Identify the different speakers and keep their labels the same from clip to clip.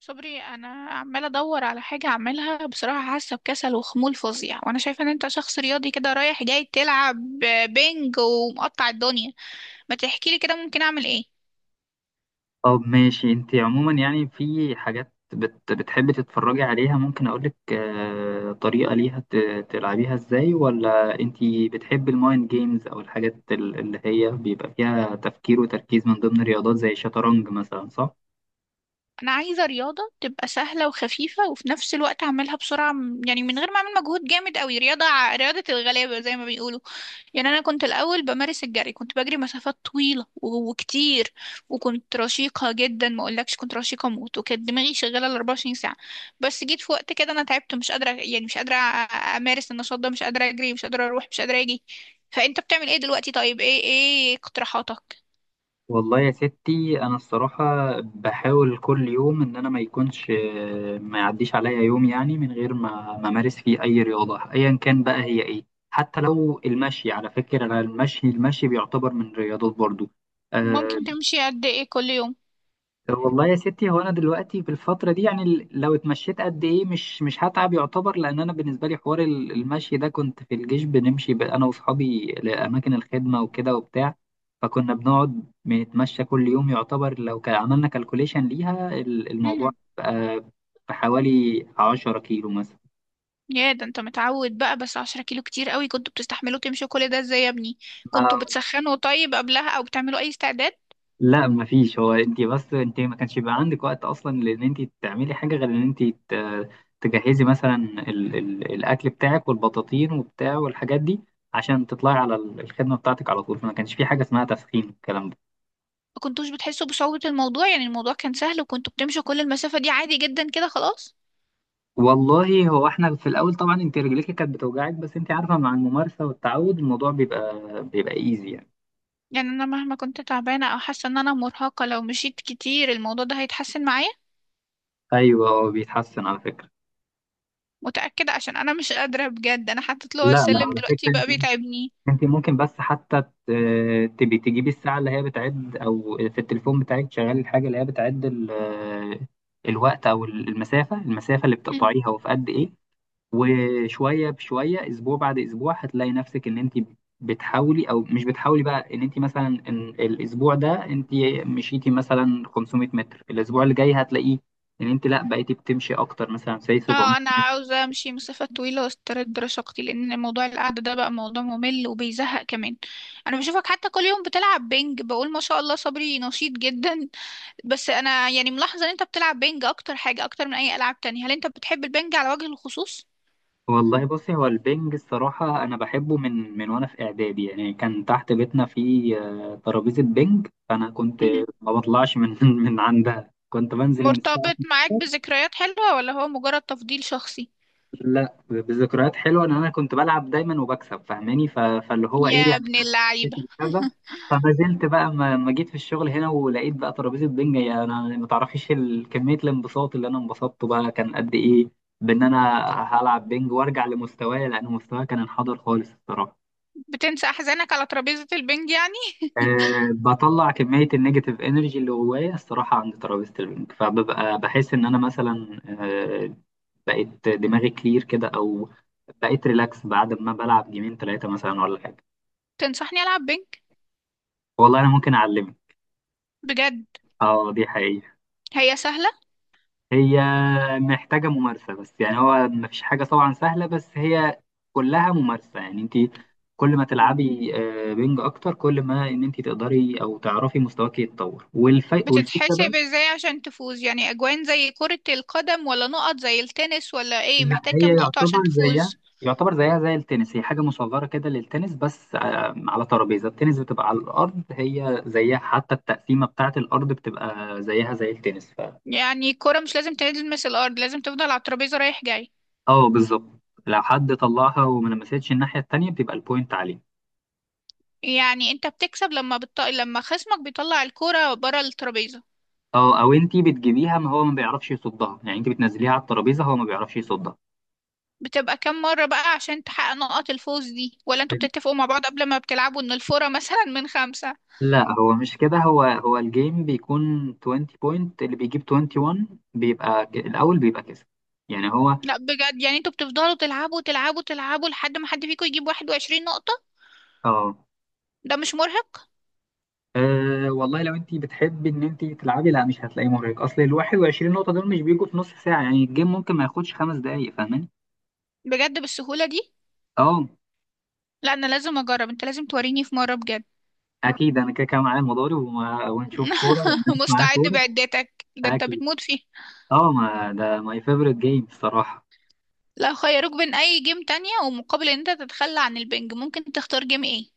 Speaker 1: صبري، انا عماله ادور على حاجه اعملها. بصراحه حاسه بكسل وخمول فظيع، وانا شايفه ان انت شخص رياضي كده رايح جاي تلعب بينج ومقطع الدنيا. ما تحكي لي كده ممكن اعمل ايه؟
Speaker 2: طب ماشي. انت عموما يعني في حاجات بتحبي تتفرجي عليها، ممكن اقولك طريقة ليها تلعبيها ازاي، ولا انت بتحبي المايند جيمز او الحاجات اللي هي بيبقى فيها تفكير وتركيز من ضمن الرياضات زي الشطرنج مثلا، صح؟
Speaker 1: انا عايزه رياضه تبقى سهله وخفيفه وفي نفس الوقت اعملها بسرعه، يعني من غير ما اعمل مجهود جامد قوي، رياضه رياضه الغلابه زي ما بيقولوا. يعني انا كنت الاول بمارس الجري، كنت بجري مسافات طويله و- وكتير، وكنت رشيقه جدا، ما اقولكش كنت رشيقه موت، وكانت دماغي شغاله ال 24 ساعه. بس جيت في وقت كده انا تعبت مش قادره، يعني مش قادره امارس النشاط ده، مش قادره اجري، مش قادره اروح، مش قادره اجي. فانت بتعمل ايه دلوقتي؟ طيب ايه اقتراحاتك؟
Speaker 2: والله يا ستي، انا الصراحه بحاول كل يوم ان انا ما يكونش، ما يعديش عليا يوم، يعني من غير ما امارس فيه اي رياضه ايا كان بقى هي ايه. حتى لو المشي، على فكره، انا المشي بيعتبر من الرياضات برضو. آه،
Speaker 1: ممكن تمشي قد ايه كل يوم؟
Speaker 2: والله يا ستي، هو انا دلوقتي في الفتره دي يعني، لو اتمشيت قد ايه مش هتعب يعتبر، لان انا بالنسبه لي حوار المشي ده، كنت في الجيش بنمشي انا واصحابي لاماكن الخدمه وكده وبتاع. فكنا بنقعد بنتمشى كل يوم يعتبر، لو كان عملنا كالكوليشن ليها الموضوع
Speaker 1: امم.
Speaker 2: بقى بحوالي 10 كيلو
Speaker 1: يا ده انت متعود بقى، بس 10 كيلو كتير قوي، كنتوا بتستحملوا تمشوا كل ده ازاي يا ابني؟ كنتوا
Speaker 2: مثلا.
Speaker 1: بتسخنوا طيب قبلها او بتعملوا اي استعداد؟
Speaker 2: لا مفيش، هو انت بس انت ما كانش بيبقى عندك وقت اصلا لان انت تعملي حاجه، غير ان انت تجهزي مثلا ال الاكل بتاعك والبطاطين وبتاع والحاجات دي، عشان تطلعي على الخدمه بتاعتك على طول، فما كانش في حاجه اسمها تسخين، الكلام ده.
Speaker 1: ما كنتوش بتحسوا بصعوبة الموضوع؟ يعني الموضوع كان سهل وكنتوا بتمشوا كل المسافة دي عادي جدا كده خلاص؟
Speaker 2: والله، هو احنا في الاول طبعا انت رجليك كانت بتوجعك، بس انت عارفه مع الممارسه والتعود الموضوع بيبقى ايزي يعني.
Speaker 1: يعني انا مهما كنت تعبانة او حاسة ان انا مرهقة، لو مشيت كتير الموضوع ده هيتحسن معايا؟
Speaker 2: ايوه هو بيتحسن على فكره.
Speaker 1: متأكدة؟ عشان انا مش قادرة بجد، انا حطيت له
Speaker 2: لا لا،
Speaker 1: السلم
Speaker 2: على
Speaker 1: دلوقتي بقى
Speaker 2: فكره،
Speaker 1: بيتعبني.
Speaker 2: انت ممكن بس حتى تبي تجيبي الساعة اللي هي بتعد، او في التليفون بتاعك تشغلي الحاجة اللي هي بتعد الوقت او المسافة اللي
Speaker 1: مم.
Speaker 2: بتقطعيها وفي قد ايه. وشوية بشوية، اسبوع بعد اسبوع، هتلاقي نفسك ان انت بتحاولي او مش بتحاولي بقى، ان انت مثلا، ان الاسبوع ده انت مشيتي مثلا 500 متر، الاسبوع اللي جاي هتلاقيه ان انت لا بقيتي بتمشي اكتر، مثلا زي 700.
Speaker 1: اه انا عاوزة امشي مسافة طويلة واسترد رشاقتي، لان موضوع القعدة ده بقى موضوع ممل وبيزهق كمان. انا بشوفك حتى كل يوم بتلعب بينج، بقول ما شاء الله صبري نشيط جدا. بس انا يعني ملاحظه ان انت بتلعب بينج اكتر حاجه، اكتر من اي العاب تانية. هل انت بتحب البينج على وجه الخصوص؟
Speaker 2: والله بصي، هو البنج الصراحة أنا بحبه من وأنا في إعدادي، يعني كان تحت بيتنا في ترابيزة بنج، فأنا كنت
Speaker 1: مهم.
Speaker 2: ما بطلعش من من عندها، كنت بنزل من الساعة
Speaker 1: مرتبط معاك
Speaker 2: 12.
Speaker 1: بذكريات حلوه ولا هو مجرد تفضيل شخصي؟
Speaker 2: لا، بذكريات حلوة إن أنا كنت بلعب دايما وبكسب فاهماني، فاللي هو إيه
Speaker 1: يا
Speaker 2: يعني،
Speaker 1: ابن
Speaker 2: حسيت
Speaker 1: اللعيبه!
Speaker 2: بالكذا. فما زلت بقى، ما جيت في الشغل هنا ولقيت بقى ترابيزة بنج، يعني أنا ما تعرفيش كمية الانبساط اللي أنا انبسطته بقى كان قد إيه، بإن أنا هلعب بنج وأرجع لمستواي، لأن مستواي كان انحدر خالص الصراحة.
Speaker 1: بتنسى احزانك على ترابيزه البينج يعني؟
Speaker 2: أه، بطلع كمية النيجاتيف انرجي اللي جوايا الصراحة عند ترابيزة البنج، فببقى بحس إن أنا مثلا بقيت دماغي كلير كده، أو بقيت ريلاكس بعد ما بلعب جيمين تلاتة مثلا ولا حاجة.
Speaker 1: تنصحني العب بينج؟
Speaker 2: والله أنا ممكن أعلمك.
Speaker 1: بجد؟
Speaker 2: أه، دي حقيقة.
Speaker 1: هي سهله؟
Speaker 2: هي محتاجة ممارسة بس يعني، هو مفيش حاجة طبعا سهلة، بس هي كلها ممارسة يعني، أنت كل ما
Speaker 1: مم.
Speaker 2: تلعبي بنج أكتر، كل ما إن أنت تقدري أو تعرفي مستواك يتطور، والفكرة.
Speaker 1: بتتحسب ازاي عشان تفوز؟ يعني اجوان زي كره القدم ولا نقط زي التنس ولا ايه؟
Speaker 2: لا،
Speaker 1: محتاج كام
Speaker 2: هي
Speaker 1: نقطه
Speaker 2: يعتبر
Speaker 1: عشان
Speaker 2: زيها
Speaker 1: تفوز؟
Speaker 2: يعتبر زيها زي التنس، هي حاجة مصغرة كده للتنس، بس على ترابيزة التنس بتبقى على الأرض، هي زيها، حتى التقسيمة بتاعة الأرض بتبقى زيها زي التنس
Speaker 1: يعني الكره مش لازم تلمس الارض، لازم تفضل على الترابيزه رايح جاي؟
Speaker 2: اه، بالظبط. لو حد طلعها وما لمستش الناحية التانية بتبقى البوينت عليه.
Speaker 1: يعني انت بتكسب لما لما خصمك بيطلع الكرة بره الترابيزة؟
Speaker 2: اه، أو انتي بتجيبيها، ما هو ما بيعرفش يصدها يعني، انتي بتنزليها على الترابيزة هو ما بيعرفش يصدها.
Speaker 1: بتبقى كام مرة بقى عشان تحقق نقط الفوز دي؟ ولا انتوا بتتفقوا مع بعض قبل ما بتلعبوا ان الفورة مثلا من خمسة؟
Speaker 2: لا، هو مش كده، هو الجيم بيكون 20 بوينت، اللي بيجيب 21 بيبقى الأول بيبقى كسب يعني. هو
Speaker 1: لا بجد، يعني انتوا بتفضلوا تلعبوا تلعبوا تلعبوا لحد ما حد فيكم يجيب 21 نقطة؟
Speaker 2: اه،
Speaker 1: ده مش مرهق؟
Speaker 2: أه والله، لو انت بتحبي ان انت تلعبي لا مش هتلاقيه مرهق، اصل ال 21 نقطة دول مش بيجوا في نص ساعة، يعني الجيم ممكن ما ياخدش 5 دقايق فاهماني؟
Speaker 1: بجد بالسهولة دي؟
Speaker 2: اه،
Speaker 1: لا انا لازم اجرب، انت لازم توريني في مرة بجد.
Speaker 2: اكيد، انا كده كده معايا المضارب ونشوف كورة، لما مش معايا
Speaker 1: مستعد
Speaker 2: كورة.
Speaker 1: بعدتك، ده انت
Speaker 2: اكيد.
Speaker 1: بتموت فيه.
Speaker 2: اه، ما ده ماي فيفورت جيم الصراحة.
Speaker 1: لو خيروك بين اي جيم تانية ومقابل ان انت تتخلى عن البنج، ممكن تختار جيم ايه؟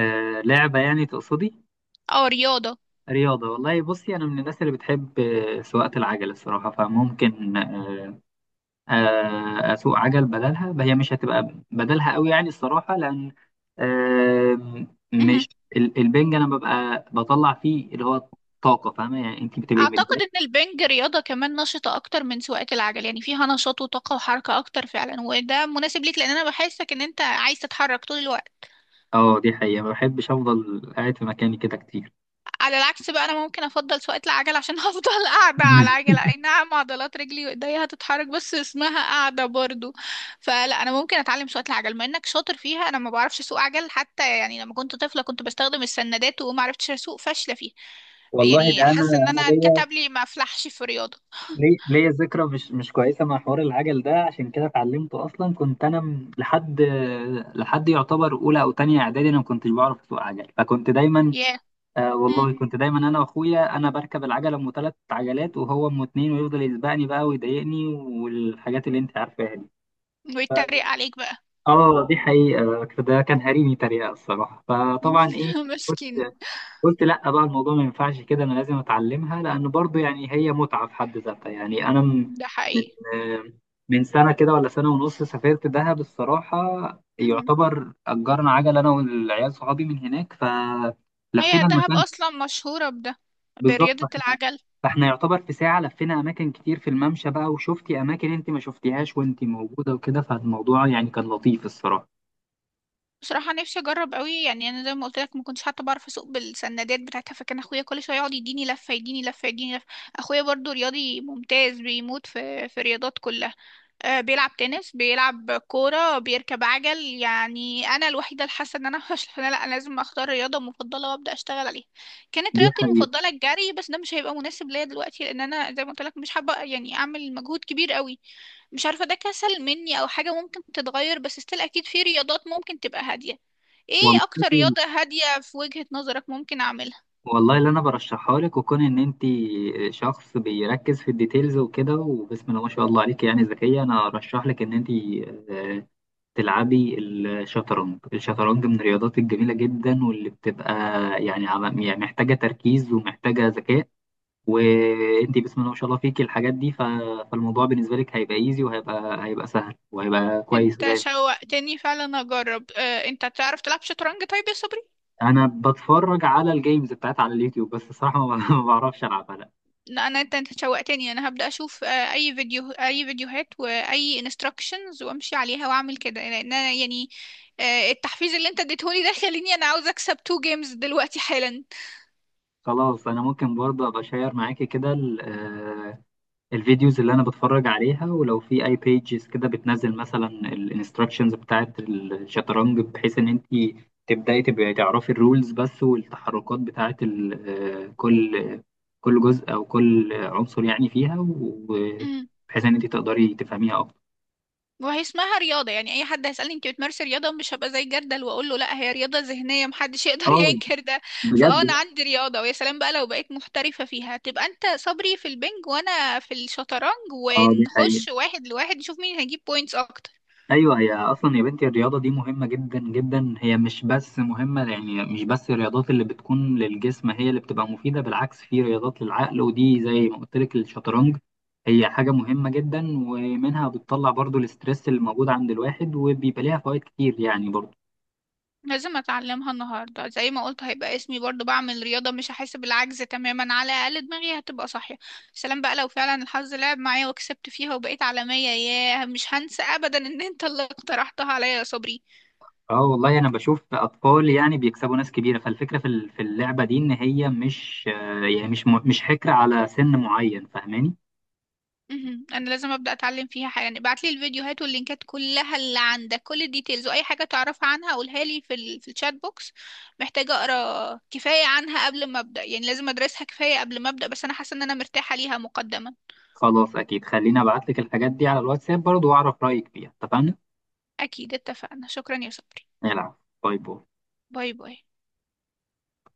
Speaker 2: أه، لعبة يعني تقصدي؟
Speaker 1: اه، رياضة.
Speaker 2: رياضة. والله بصي، انا من الناس اللي بتحب سواقة العجل الصراحة، فممكن اسوق عجل بدلها. هي مش هتبقى بدلها قوي يعني الصراحه، لان آم، مش البنج انا ببقى بطلع فيه اللي هو طاقه، فاهمه، يعني انت بتبقي
Speaker 1: اعتقد
Speaker 2: متضايقه.
Speaker 1: ان البنج رياضة كمان نشطة اكتر من سواقة العجل، يعني فيها نشاط وطاقة وحركة اكتر فعلا، وده مناسب ليك لان انا بحسك ان انت عايز تتحرك طول الوقت.
Speaker 2: اه، دي حقيقه، ما بحبش افضل قاعد في مكاني كده كتير.
Speaker 1: على العكس بقى انا ممكن افضل سواقة العجل، عشان هفضل قاعدة على العجلة، اي نعم عضلات رجلي وايديا هتتحرك، بس اسمها قاعدة برضو. فلا انا ممكن اتعلم سواقة العجل، ما انك شاطر فيها. انا ما بعرفش اسوق عجل حتى، يعني لما كنت طفلة كنت بستخدم السندات وما عرفتش اسوق، فاشلة فيها.
Speaker 2: والله، ده
Speaker 1: يعني
Speaker 2: انا
Speaker 1: حاسة ان
Speaker 2: انا
Speaker 1: انا
Speaker 2: ليا،
Speaker 1: انكتب لي ما افلحش في الرياضة.
Speaker 2: ليا ذكرى مش كويسه مع حوار العجل ده، عشان كده اتعلمته اصلا. كنت انا لحد يعتبر اولى او تانية اعدادي، انا ما كنتش بعرف اسوق عجل، فكنت دايما،
Speaker 1: ياه. yeah.
Speaker 2: والله كنت دايما انا واخويا، انا بركب العجله ام ثلاث عجلات وهو ام اتنين، ويفضل يسبقني بقى ويضايقني والحاجات اللي انت عارفاها دي.
Speaker 1: ويتريق عليك بقى.
Speaker 2: اه، دي حقيقه، ده كان هريني تريقه الصراحه، فطبعا ايه، قلت
Speaker 1: مسكين.
Speaker 2: قلت لا بقى، الموضوع ما ينفعش كده، انا لازم اتعلمها، لان برضو يعني هي متعه في حد ذاتها يعني. انا
Speaker 1: ده
Speaker 2: من
Speaker 1: حقيقي.
Speaker 2: آه، من سنه كده ولا سنه ونص، سافرت دهب الصراحه،
Speaker 1: مهم.
Speaker 2: يعتبر اجرنا عجله انا والعيال صحابي من هناك،
Speaker 1: هي
Speaker 2: فلفينا
Speaker 1: دهب
Speaker 2: المكان.
Speaker 1: اصلا مشهوره بده،
Speaker 2: بالظبط،
Speaker 1: برياضه
Speaker 2: فاحنا
Speaker 1: العجل.
Speaker 2: فاحنا يعتبر في ساعة لفينا أماكن كتير في الممشى بقى، وشفتي أماكن أنت ما شفتيهاش وأنت موجودة وكده، فالموضوع يعني كان لطيف الصراحة.
Speaker 1: بصراحه نفسي اجرب قوي، يعني انا زي ما قلت لك ما كنتش حتى بعرف اسوق بالسندات بتاعتها، فكان اخويا كل شويه يقعد يديني لفه يديني لفه يديني لفه. اخويا برضو رياضي ممتاز، بيموت في الرياضات كلها. آه، بيلعب تنس بيلعب كورة بيركب عجل، يعني أنا الوحيدة اللي حاسة إن أنا مش. أنا لأ، أنا لازم أختار رياضة مفضلة وأبدأ أشتغل عليها. كانت
Speaker 2: دي
Speaker 1: رياضتي
Speaker 2: حقيقة.
Speaker 1: المفضلة الجري، بس ده مش هيبقى مناسب ليا دلوقتي، لأن أنا زي ما قلت لك مش حابة يعني أعمل مجهود كبير قوي. مش عارفة ده كسل مني أو حاجة ممكن تتغير، بس استيل أكيد في رياضات ممكن تبقى هادية.
Speaker 2: والله
Speaker 1: إيه أكتر رياضة هادية في وجهة نظرك ممكن أعملها؟
Speaker 2: والله اللي أنا برشحها لك وكون إن أنت شخص بيركز في الديتيلز وكده، وبسم الله ما شاء الله عليك، يعني ذكية، أنا أرشح لك إن أنت آه، تلعبي الشطرنج. الشطرنج من الرياضات الجميلة جدا، واللي بتبقى يعني يعني محتاجة تركيز ومحتاجة ذكاء، وانت بسم الله ما شاء الله فيك الحاجات دي، فالموضوع بالنسبه لك هيبقى ايزي، وهيبقى هيبقى سهل، وهيبقى كويس
Speaker 1: أنت
Speaker 2: وجامد.
Speaker 1: شوقتني فعلا أجرب. أه أنت تعرف تلعب شطرنج طيب يا صبري؟
Speaker 2: انا بتفرج على الجيمز بتاعت على اليوتيوب بس الصراحه، ما ما بعرفش العبها لا.
Speaker 1: لا انا، انت شوقتني، انا هبدأ اشوف آه، اي فيديو اي فيديوهات واي انستراكشنز، وامشي عليها واعمل كده لان انا يعني، آه، التحفيز اللي انت اديتهولي ده خليني انا عاوزه اكسب تو جيمز دلوقتي حالا.
Speaker 2: خلاص، انا ممكن برضه ابقى شير معاكي كده الفيديوز اللي انا بتفرج عليها، ولو في اي بيجز كده بتنزل مثلا الانستراكشنز بتاعت الشطرنج، بحيث ان انت تبداي تبقي تعرفي الرولز بس، والتحركات بتاعت آه، كل كل جزء او كل عنصر يعني فيها،
Speaker 1: امم.
Speaker 2: وبحيث ان انت تقدري تفهميها اكتر.
Speaker 1: وهي اسمها رياضه، يعني اي حد هيسالني انت بتمارسي رياضه مش هبقى زي جردل واقول له لا، هي رياضه ذهنيه محدش يقدر
Speaker 2: اه،
Speaker 1: ينكر ده.
Speaker 2: بجد.
Speaker 1: فاه انا عندي رياضه، ويا سلام بقى لو بقيت محترفه فيها، تبقى انت صبري في البنج وانا في الشطرنج،
Speaker 2: اه، دي حقيقة.
Speaker 1: ونخش واحد لواحد نشوف مين هيجيب بوينتس اكتر.
Speaker 2: ايوه، هي اصلا يا بنتي الرياضه دي مهمه جدا جدا، هي مش بس مهمه يعني، مش بس الرياضات اللي بتكون للجسم هي اللي بتبقى مفيده، بالعكس في رياضات للعقل، ودي زي ما قلت لك الشطرنج، هي حاجه مهمه جدا. ومنها بتطلع برضو الاسترس اللي موجود عند الواحد، وبيبقى ليها فوائد كتير يعني برضو.
Speaker 1: لازم اتعلمها النهارده زي ما قلت، هيبقى اسمي برضو بعمل رياضه، مش هحس بالعجز تماما، على الاقل دماغي هتبقى صاحيه. سلام بقى لو فعلا الحظ لعب معايا وكسبت فيها وبقيت عالميه، ياه مش هنسى ابدا ان انت اللي اقترحتها عليا يا صبري.
Speaker 2: اه والله، انا بشوف اطفال يعني بيكسبوا ناس كبيره، فالفكره في في اللعبه دي، ان هي مش آه، يعني مش حكر على سن معين فاهماني.
Speaker 1: مهم. انا لازم ابدا اتعلم فيها حاجه، يعني ابعت لي الفيديوهات واللينكات كلها اللي عندك، كل الديتيلز واي حاجه تعرفها عنها قولها لي في في الشات بوكس. محتاجه اقرا كفايه عنها قبل ما ابدا، يعني لازم ادرسها كفايه قبل ما ابدا، بس انا حاسه ان انا مرتاحه ليها مقدما.
Speaker 2: خلاص، أكيد، خليني أبعت لك الحاجات دي على الواتساب برضو وأعرف رأيك فيها، اتفقنا؟
Speaker 1: اكيد اتفقنا. شكرا يا صبري.
Speaker 2: يلا، باي باي.
Speaker 1: باي باي.